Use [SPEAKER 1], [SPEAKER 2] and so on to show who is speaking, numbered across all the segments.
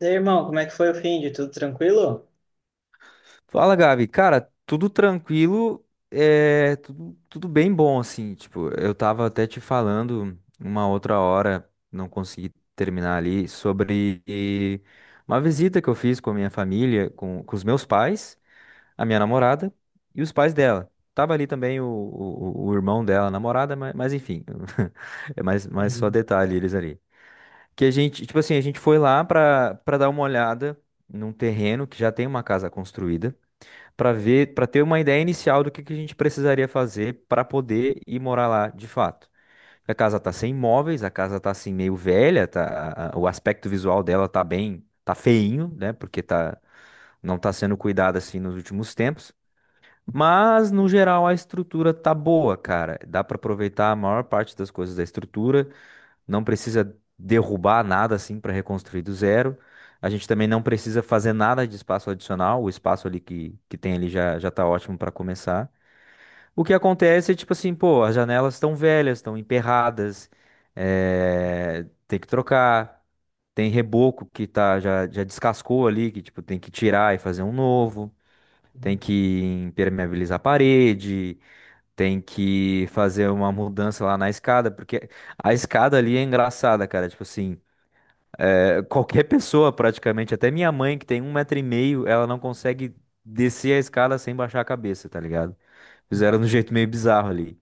[SPEAKER 1] E aí, irmão, como é que foi o fim de tudo tranquilo?
[SPEAKER 2] Fala, Gabi. Cara, tudo tranquilo, é tudo bem bom, assim. Tipo, eu tava até te falando uma outra hora, não consegui terminar ali, sobre uma visita que eu fiz com a minha família, com os meus pais, a minha namorada e os pais dela. Tava ali também o irmão dela, a namorada, mas enfim, é mais só
[SPEAKER 1] Uhum,
[SPEAKER 2] detalhe eles ali. Que a gente, tipo assim, a gente foi lá pra dar uma olhada num terreno que já tem uma casa construída para ver, para ter uma ideia inicial do que a gente precisaria fazer para poder ir morar lá de fato. A casa tá sem móveis, a casa tá assim meio velha, tá, o aspecto visual dela tá bem, tá feinho, né? Porque não tá sendo cuidado assim nos últimos tempos. Mas no geral a estrutura tá boa, cara. Dá para aproveitar a maior parte das coisas da estrutura. Não precisa derrubar nada assim para reconstruir do zero. A gente também não precisa fazer nada de espaço adicional, o espaço ali que tem ali já tá ótimo para começar. O que acontece é tipo assim, pô, as janelas estão velhas, estão emperradas, tem que trocar, tem reboco que tá já descascou ali, que tipo tem que tirar e fazer um novo, tem
[SPEAKER 1] uhum,
[SPEAKER 2] que impermeabilizar a parede. Tem que fazer uma mudança lá na escada, porque a escada ali é engraçada, cara. Tipo assim, qualquer pessoa praticamente, até minha mãe que tem 1,5 m, ela não consegue descer a escada sem baixar a cabeça, tá ligado? Fizeram de um jeito meio bizarro ali.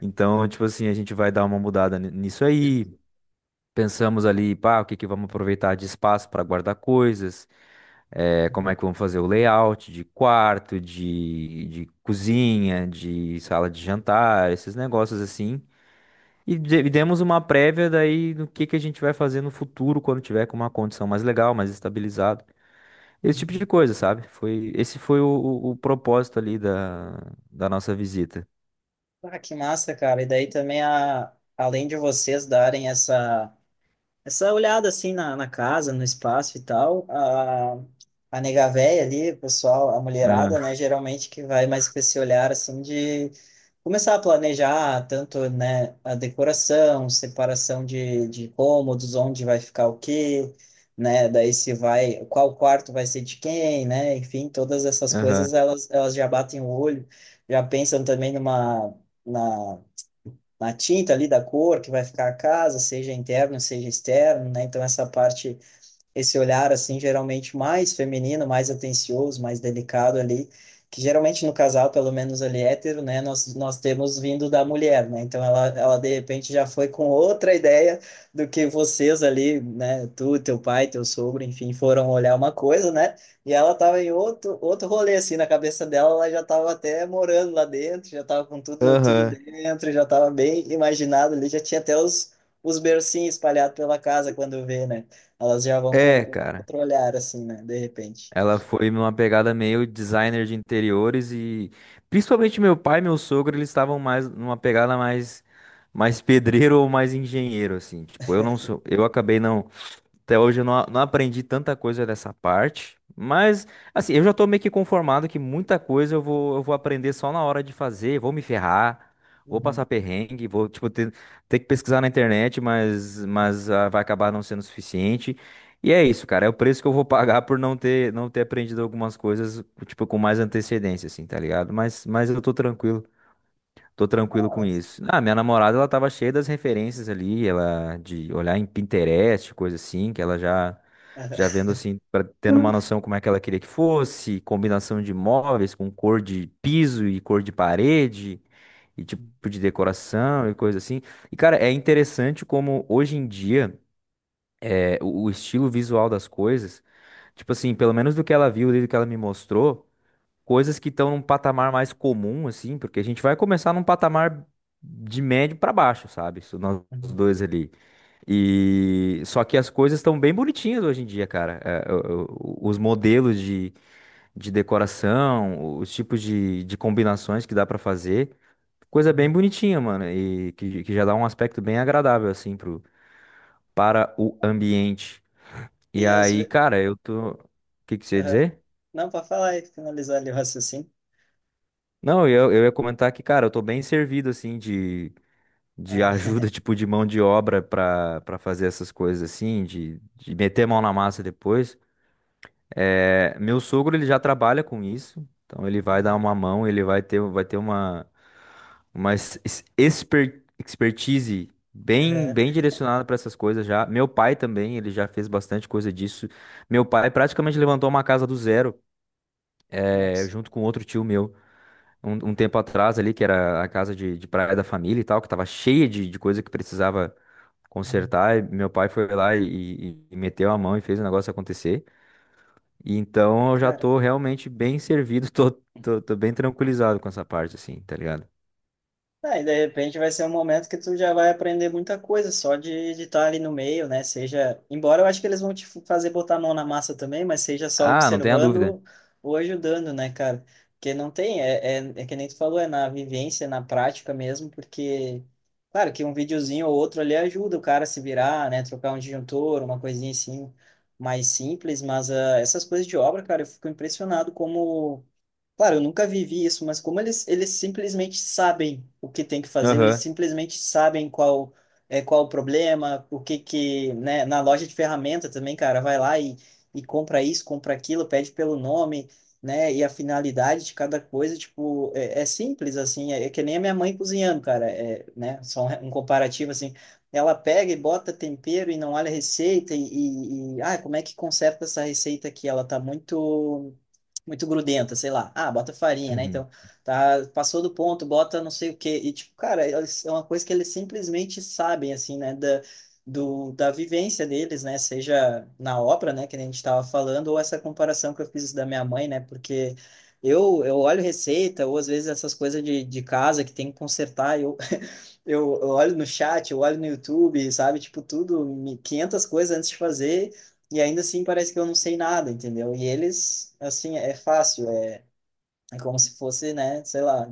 [SPEAKER 2] Então, tipo assim, a gente vai dar uma mudada nisso aí. Pensamos ali, pá, o que que vamos aproveitar de espaço para guardar coisas. Como é que vamos fazer o layout de quarto, de cozinha, de sala de jantar, esses negócios assim. E demos uma prévia daí do que a gente vai fazer no futuro quando tiver com uma condição mais legal, mais estabilizado. Esse tipo de
[SPEAKER 1] uhum.
[SPEAKER 2] coisa, sabe? Esse foi o propósito ali da nossa visita.
[SPEAKER 1] Ah, que massa, cara. E daí também, além de vocês darem essa olhada assim na casa, no espaço e tal, a nega véia ali, o pessoal, a mulherada,
[SPEAKER 2] Aham.
[SPEAKER 1] né, geralmente que vai mais com esse olhar assim de começar a planejar tanto, né, a decoração, separação de cômodos, onde vai ficar o quê, né, daí se vai, qual quarto vai ser de quem, né, enfim, todas essas
[SPEAKER 2] Aham.
[SPEAKER 1] coisas elas já batem o olho, já pensam também numa, na na tinta ali da cor que vai ficar a casa, seja interno, seja externo, né? Então essa parte esse olhar assim geralmente mais feminino, mais atencioso, mais delicado ali, que geralmente no casal, pelo menos ali hétero, né, nós temos vindo da mulher, né? Então ela de repente já foi com outra ideia do que vocês ali, né, tu, teu pai, teu sogro, enfim, foram olhar uma coisa, né? E ela tava em outro rolê assim, na cabeça dela, ela já tava até morando lá dentro, já tava com tudo tudo
[SPEAKER 2] Aham.
[SPEAKER 1] dentro, já tava bem imaginado ali, já tinha até os bercinhos espalhados pela casa quando vê, né? Elas já vão com
[SPEAKER 2] É,
[SPEAKER 1] um
[SPEAKER 2] cara.
[SPEAKER 1] outro olhar, assim, né? De repente.
[SPEAKER 2] Ela foi numa pegada meio designer de interiores e principalmente meu pai e meu sogro, eles estavam mais numa pegada mais pedreiro ou mais engenheiro assim. Tipo, eu não sou, eu acabei não até hoje eu não, não aprendi tanta coisa dessa parte, mas assim, eu já tô meio que conformado que muita coisa eu vou aprender só na hora de fazer, vou me ferrar, vou
[SPEAKER 1] Uhum.
[SPEAKER 2] passar perrengue, vou tipo ter que pesquisar na internet, mas vai acabar não sendo suficiente. E é isso, cara, é o preço que eu vou pagar por não ter aprendido algumas coisas, tipo, com mais antecedência, assim, tá ligado? Mas eu tô tranquilo. Tô tranquilo com
[SPEAKER 1] Ah.
[SPEAKER 2] isso. Ah, minha namorada, ela tava cheia das referências ali, ela de olhar em Pinterest, coisa assim, que ela já vendo assim, pra, tendo uma
[SPEAKER 1] Uhum.
[SPEAKER 2] noção como é que ela queria que fosse, combinação de móveis com cor de piso e cor de parede e tipo de decoração e coisa assim. E cara, é interessante como hoje em dia o estilo visual das coisas, tipo assim, pelo menos do que ela viu, e do que ela me mostrou coisas que estão num patamar mais comum, assim, porque a gente vai começar num patamar de médio para baixo, sabe? Isso. Nós
[SPEAKER 1] Uhum.
[SPEAKER 2] dois ali. E só que as coisas estão bem bonitinhas hoje em dia, cara. Os modelos de decoração, os tipos de combinações que dá pra fazer, coisa bem
[SPEAKER 1] Uhum.
[SPEAKER 2] bonitinha, mano, e que já dá um aspecto bem agradável, assim, para o ambiente. E
[SPEAKER 1] E às
[SPEAKER 2] aí,
[SPEAKER 1] vezes.
[SPEAKER 2] cara, eu tô. O que que você ia dizer?
[SPEAKER 1] Não, para falar e finalizar ali o raciocínio.
[SPEAKER 2] Não, eu ia comentar que, cara, eu tô bem servido, assim, de
[SPEAKER 1] Ah.
[SPEAKER 2] ajuda, tipo, de mão de obra para fazer essas coisas assim, de meter a mão na massa depois. É, meu sogro, ele já trabalha com isso, então ele vai dar
[SPEAKER 1] Uhum.
[SPEAKER 2] uma mão, ele vai ter uma expertise bem
[SPEAKER 1] É.
[SPEAKER 2] direcionada para essas coisas já. Meu pai também, ele já fez bastante coisa disso. Meu pai praticamente levantou uma casa do zero,
[SPEAKER 1] Nossa.
[SPEAKER 2] junto com outro tio meu. Um tempo atrás ali, que era a casa de praia da família e tal, que tava cheia de coisa que precisava
[SPEAKER 1] Uhum.
[SPEAKER 2] consertar, e meu pai foi lá e meteu a mão e fez o negócio acontecer. E então eu já
[SPEAKER 1] Cara.
[SPEAKER 2] tô realmente bem servido, tô bem tranquilizado com essa parte, assim, tá ligado?
[SPEAKER 1] Ah, e de repente vai ser um momento que tu já vai aprender muita coisa só de estar ali no meio, né? Seja, embora eu acho que eles vão te fazer botar a mão na massa também, mas seja só
[SPEAKER 2] Ah, não tenha dúvida.
[SPEAKER 1] observando ou ajudando, né, cara? Porque não tem, é que nem tu falou, é na vivência, na prática mesmo, porque, claro, que um videozinho ou outro ali ajuda o cara a se virar, né? Trocar um disjuntor, uma coisinha assim mais simples, mas ah, essas coisas de obra, cara, eu fico impressionado como. Claro, eu nunca vivi isso, mas como eles simplesmente sabem o que tem que fazer, ou eles
[SPEAKER 2] Aham.
[SPEAKER 1] simplesmente sabem qual o problema, o que que, né, na loja de ferramenta também, cara, vai lá e compra isso, compra aquilo, pede pelo nome, né, e a finalidade de cada coisa, tipo, é simples, assim, é que nem a minha mãe cozinhando, cara, é, né, só um comparativo, assim, ela pega e bota tempero e não olha a receita e ah, como é que conserta essa receita aqui? Ela tá muito muito grudenta, sei lá. Ah, bota farinha, né?
[SPEAKER 2] Uhum.
[SPEAKER 1] Então, tá, passou do ponto, bota não sei o quê. E, tipo, cara, é uma coisa que eles simplesmente sabem, assim, né? Da vivência deles, né? Seja na obra, né? Que nem a gente estava falando, ou essa comparação que eu fiz da minha mãe, né? Porque eu olho receita, ou às vezes essas coisas de casa que tem que consertar, eu olho no chat, eu olho no YouTube, sabe? Tipo, tudo, 500 coisas antes de fazer. E ainda assim parece que eu não sei nada, entendeu? E eles, assim, é fácil, é como se fosse, né, sei lá,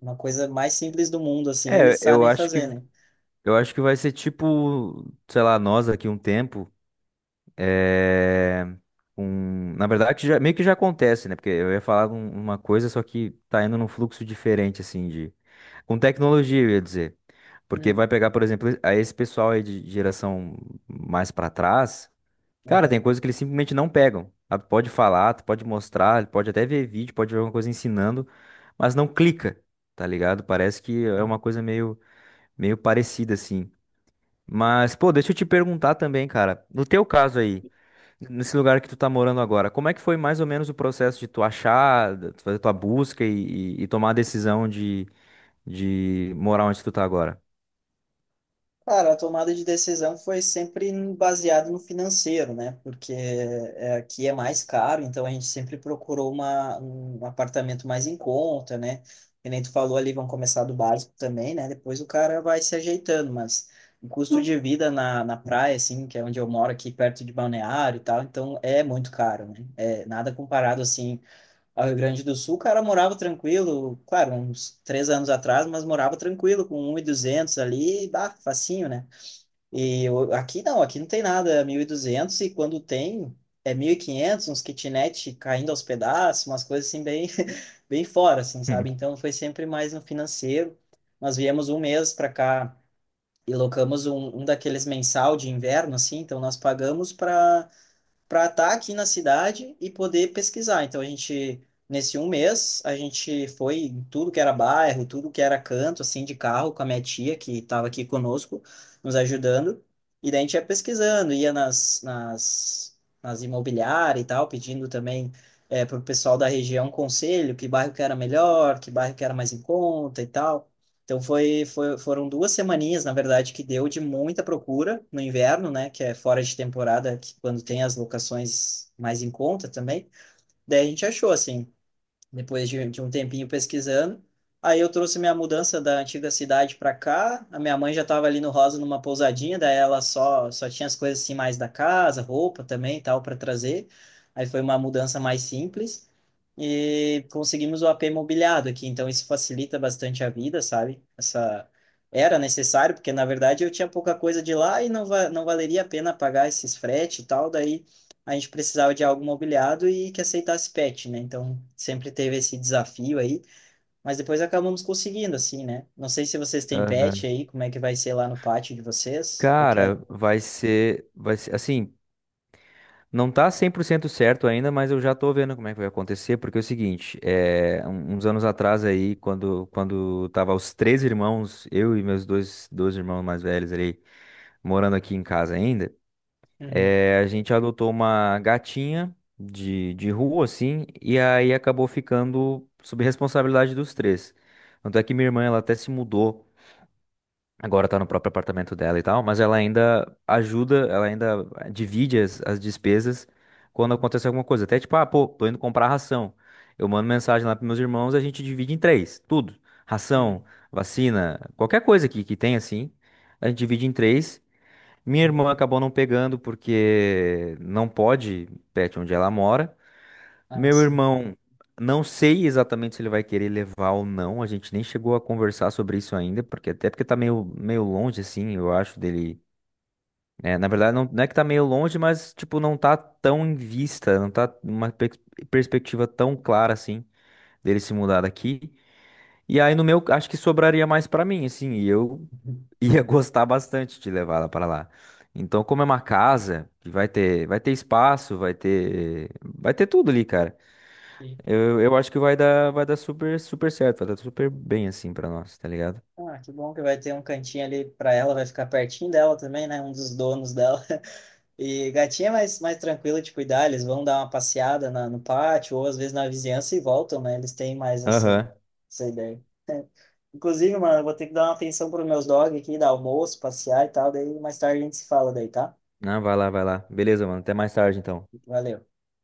[SPEAKER 1] uma coisa mais simples do mundo, assim, eles
[SPEAKER 2] É, eu
[SPEAKER 1] sabem
[SPEAKER 2] acho que
[SPEAKER 1] fazer, né?
[SPEAKER 2] eu acho que vai ser tipo, sei lá, nós aqui um tempo. É, na verdade, meio que já acontece, né? Porque eu ia falar uma coisa, só que tá indo num fluxo diferente, assim, de. Com tecnologia, eu ia dizer. Porque vai
[SPEAKER 1] Uhum.
[SPEAKER 2] pegar, por exemplo, a esse pessoal aí de geração mais pra trás, cara, tem
[SPEAKER 1] Aham.
[SPEAKER 2] coisas que eles simplesmente não pegam. Ah, tu pode falar, tu pode mostrar, pode até ver vídeo, pode ver alguma coisa ensinando, mas não clica, tá ligado? Parece que é
[SPEAKER 1] É.
[SPEAKER 2] uma coisa meio parecida, assim. Mas, pô, deixa eu te perguntar também, cara. No teu caso aí, nesse lugar que tu tá morando agora, como é que foi mais ou menos o processo de tu achar, de tu fazer tua busca e tomar a decisão de morar onde tu tá agora?
[SPEAKER 1] Cara, a tomada de decisão foi sempre baseada no financeiro, né? Porque é, aqui é mais caro, então a gente sempre procurou um apartamento mais em conta, né? Que nem tu falou ali, vão começar do básico também, né? Depois o cara vai se ajeitando, mas o custo de vida na praia, assim, que é onde eu moro aqui, perto de Balneário e tal, então é muito caro, né? É nada comparado, assim, ao Rio Grande do Sul, o cara morava tranquilo, claro, uns 3 anos atrás, mas morava tranquilo, com um e duzentos ali, bah, facinho, né? Aqui não tem nada, é 1.200 e duzentos e quando tem é 1.500, uns kitnet caindo aos pedaços, umas coisas assim bem, bem fora, assim, sabe? Então foi sempre mais no financeiro. Nós viemos um mês para cá e locamos um daqueles mensal de inverno, assim, então nós pagamos para estar aqui na cidade e poder pesquisar. Então a gente, nesse um mês, a gente foi em tudo que era bairro, tudo que era canto, assim, de carro, com a minha tia, que estava aqui conosco, nos ajudando. E daí a gente ia pesquisando, ia nas imobiliárias e tal, pedindo também é, para o pessoal da região conselho, que bairro que era melhor, que bairro que era mais em conta e tal. Então foram 2 semaninhas, na verdade, que deu de muita procura no inverno, né? Que é fora de temporada, que quando tem as locações mais em conta também. Daí a gente achou, assim, depois de um tempinho pesquisando. Aí eu trouxe minha mudança da antiga cidade para cá. A minha mãe já estava ali no Rosa numa pousadinha, daí ela só tinha as coisas assim mais da casa, roupa também, e tal, para trazer. Aí foi uma mudança mais simples e conseguimos o AP mobiliado aqui, então isso facilita bastante a vida, sabe? Essa era necessário, porque na verdade eu tinha pouca coisa de lá e não, va não valeria a pena pagar esses frete e tal, daí a gente precisava de algo mobiliado e que aceitasse pet, né? Então sempre teve esse desafio aí, mas depois acabamos conseguindo assim, né? Não sei se vocês têm pet
[SPEAKER 2] Aham.
[SPEAKER 1] aí, como é que vai ser lá no pátio de vocês, o que é?
[SPEAKER 2] Cara, vai ser, assim, não tá 100% certo ainda, mas eu já tô vendo como é que vai acontecer, porque é o seguinte, uns anos atrás aí, quando tava os três irmãos, eu e meus dois irmãos mais velhos ali, morando aqui em casa ainda.
[SPEAKER 1] Uhum.
[SPEAKER 2] A gente adotou uma gatinha de rua, assim, e aí acabou ficando sob responsabilidade dos três. Tanto é que minha irmã, ela até se mudou, agora tá no próprio apartamento dela e tal, mas ela ainda ajuda, ela ainda divide as despesas quando
[SPEAKER 1] Uhum.
[SPEAKER 2] acontece alguma coisa. Até tipo, ah, pô, tô indo comprar ração. Eu mando mensagem lá pros meus irmãos, a gente divide em três, tudo. Ração,
[SPEAKER 1] Uhum.
[SPEAKER 2] vacina, qualquer coisa que tem, assim, a gente divide em três. Minha irmã acabou não pegando porque não pode pet onde ela mora.
[SPEAKER 1] Ah,
[SPEAKER 2] Meu
[SPEAKER 1] sim.
[SPEAKER 2] irmão, não sei exatamente se ele vai querer levar ou não. A gente nem chegou a conversar sobre isso ainda, porque até porque tá meio longe, assim, eu acho, dele. É, na verdade, não, não é que tá meio longe, mas, tipo, não tá tão em vista, não tá uma perspectiva tão clara, assim, dele se mudar daqui. E aí, no meu, acho que sobraria mais pra mim, assim, e eu
[SPEAKER 1] Uhum.
[SPEAKER 2] ia gostar bastante de levar ela para lá. Então, como é uma casa que vai ter espaço, vai ter tudo ali, cara. Eu acho que vai dar super, super certo, vai dar super bem assim para nós, tá ligado?
[SPEAKER 1] Ah, que bom que vai ter um cantinho ali pra ela, vai ficar pertinho dela também, né? Um dos donos dela. E gatinha é mais, mais tranquila de cuidar, eles vão dar uma passeada no pátio, ou às vezes na vizinhança e voltam, né? Eles têm mais essa,
[SPEAKER 2] Aham.
[SPEAKER 1] essa ideia. Inclusive, mano, eu vou ter que dar uma atenção pros meus dogs aqui, dar almoço, passear e tal, daí mais tarde a gente se fala daí, tá?
[SPEAKER 2] Não, vai lá, vai lá. Beleza, mano. Até mais tarde, então.
[SPEAKER 1] Valeu.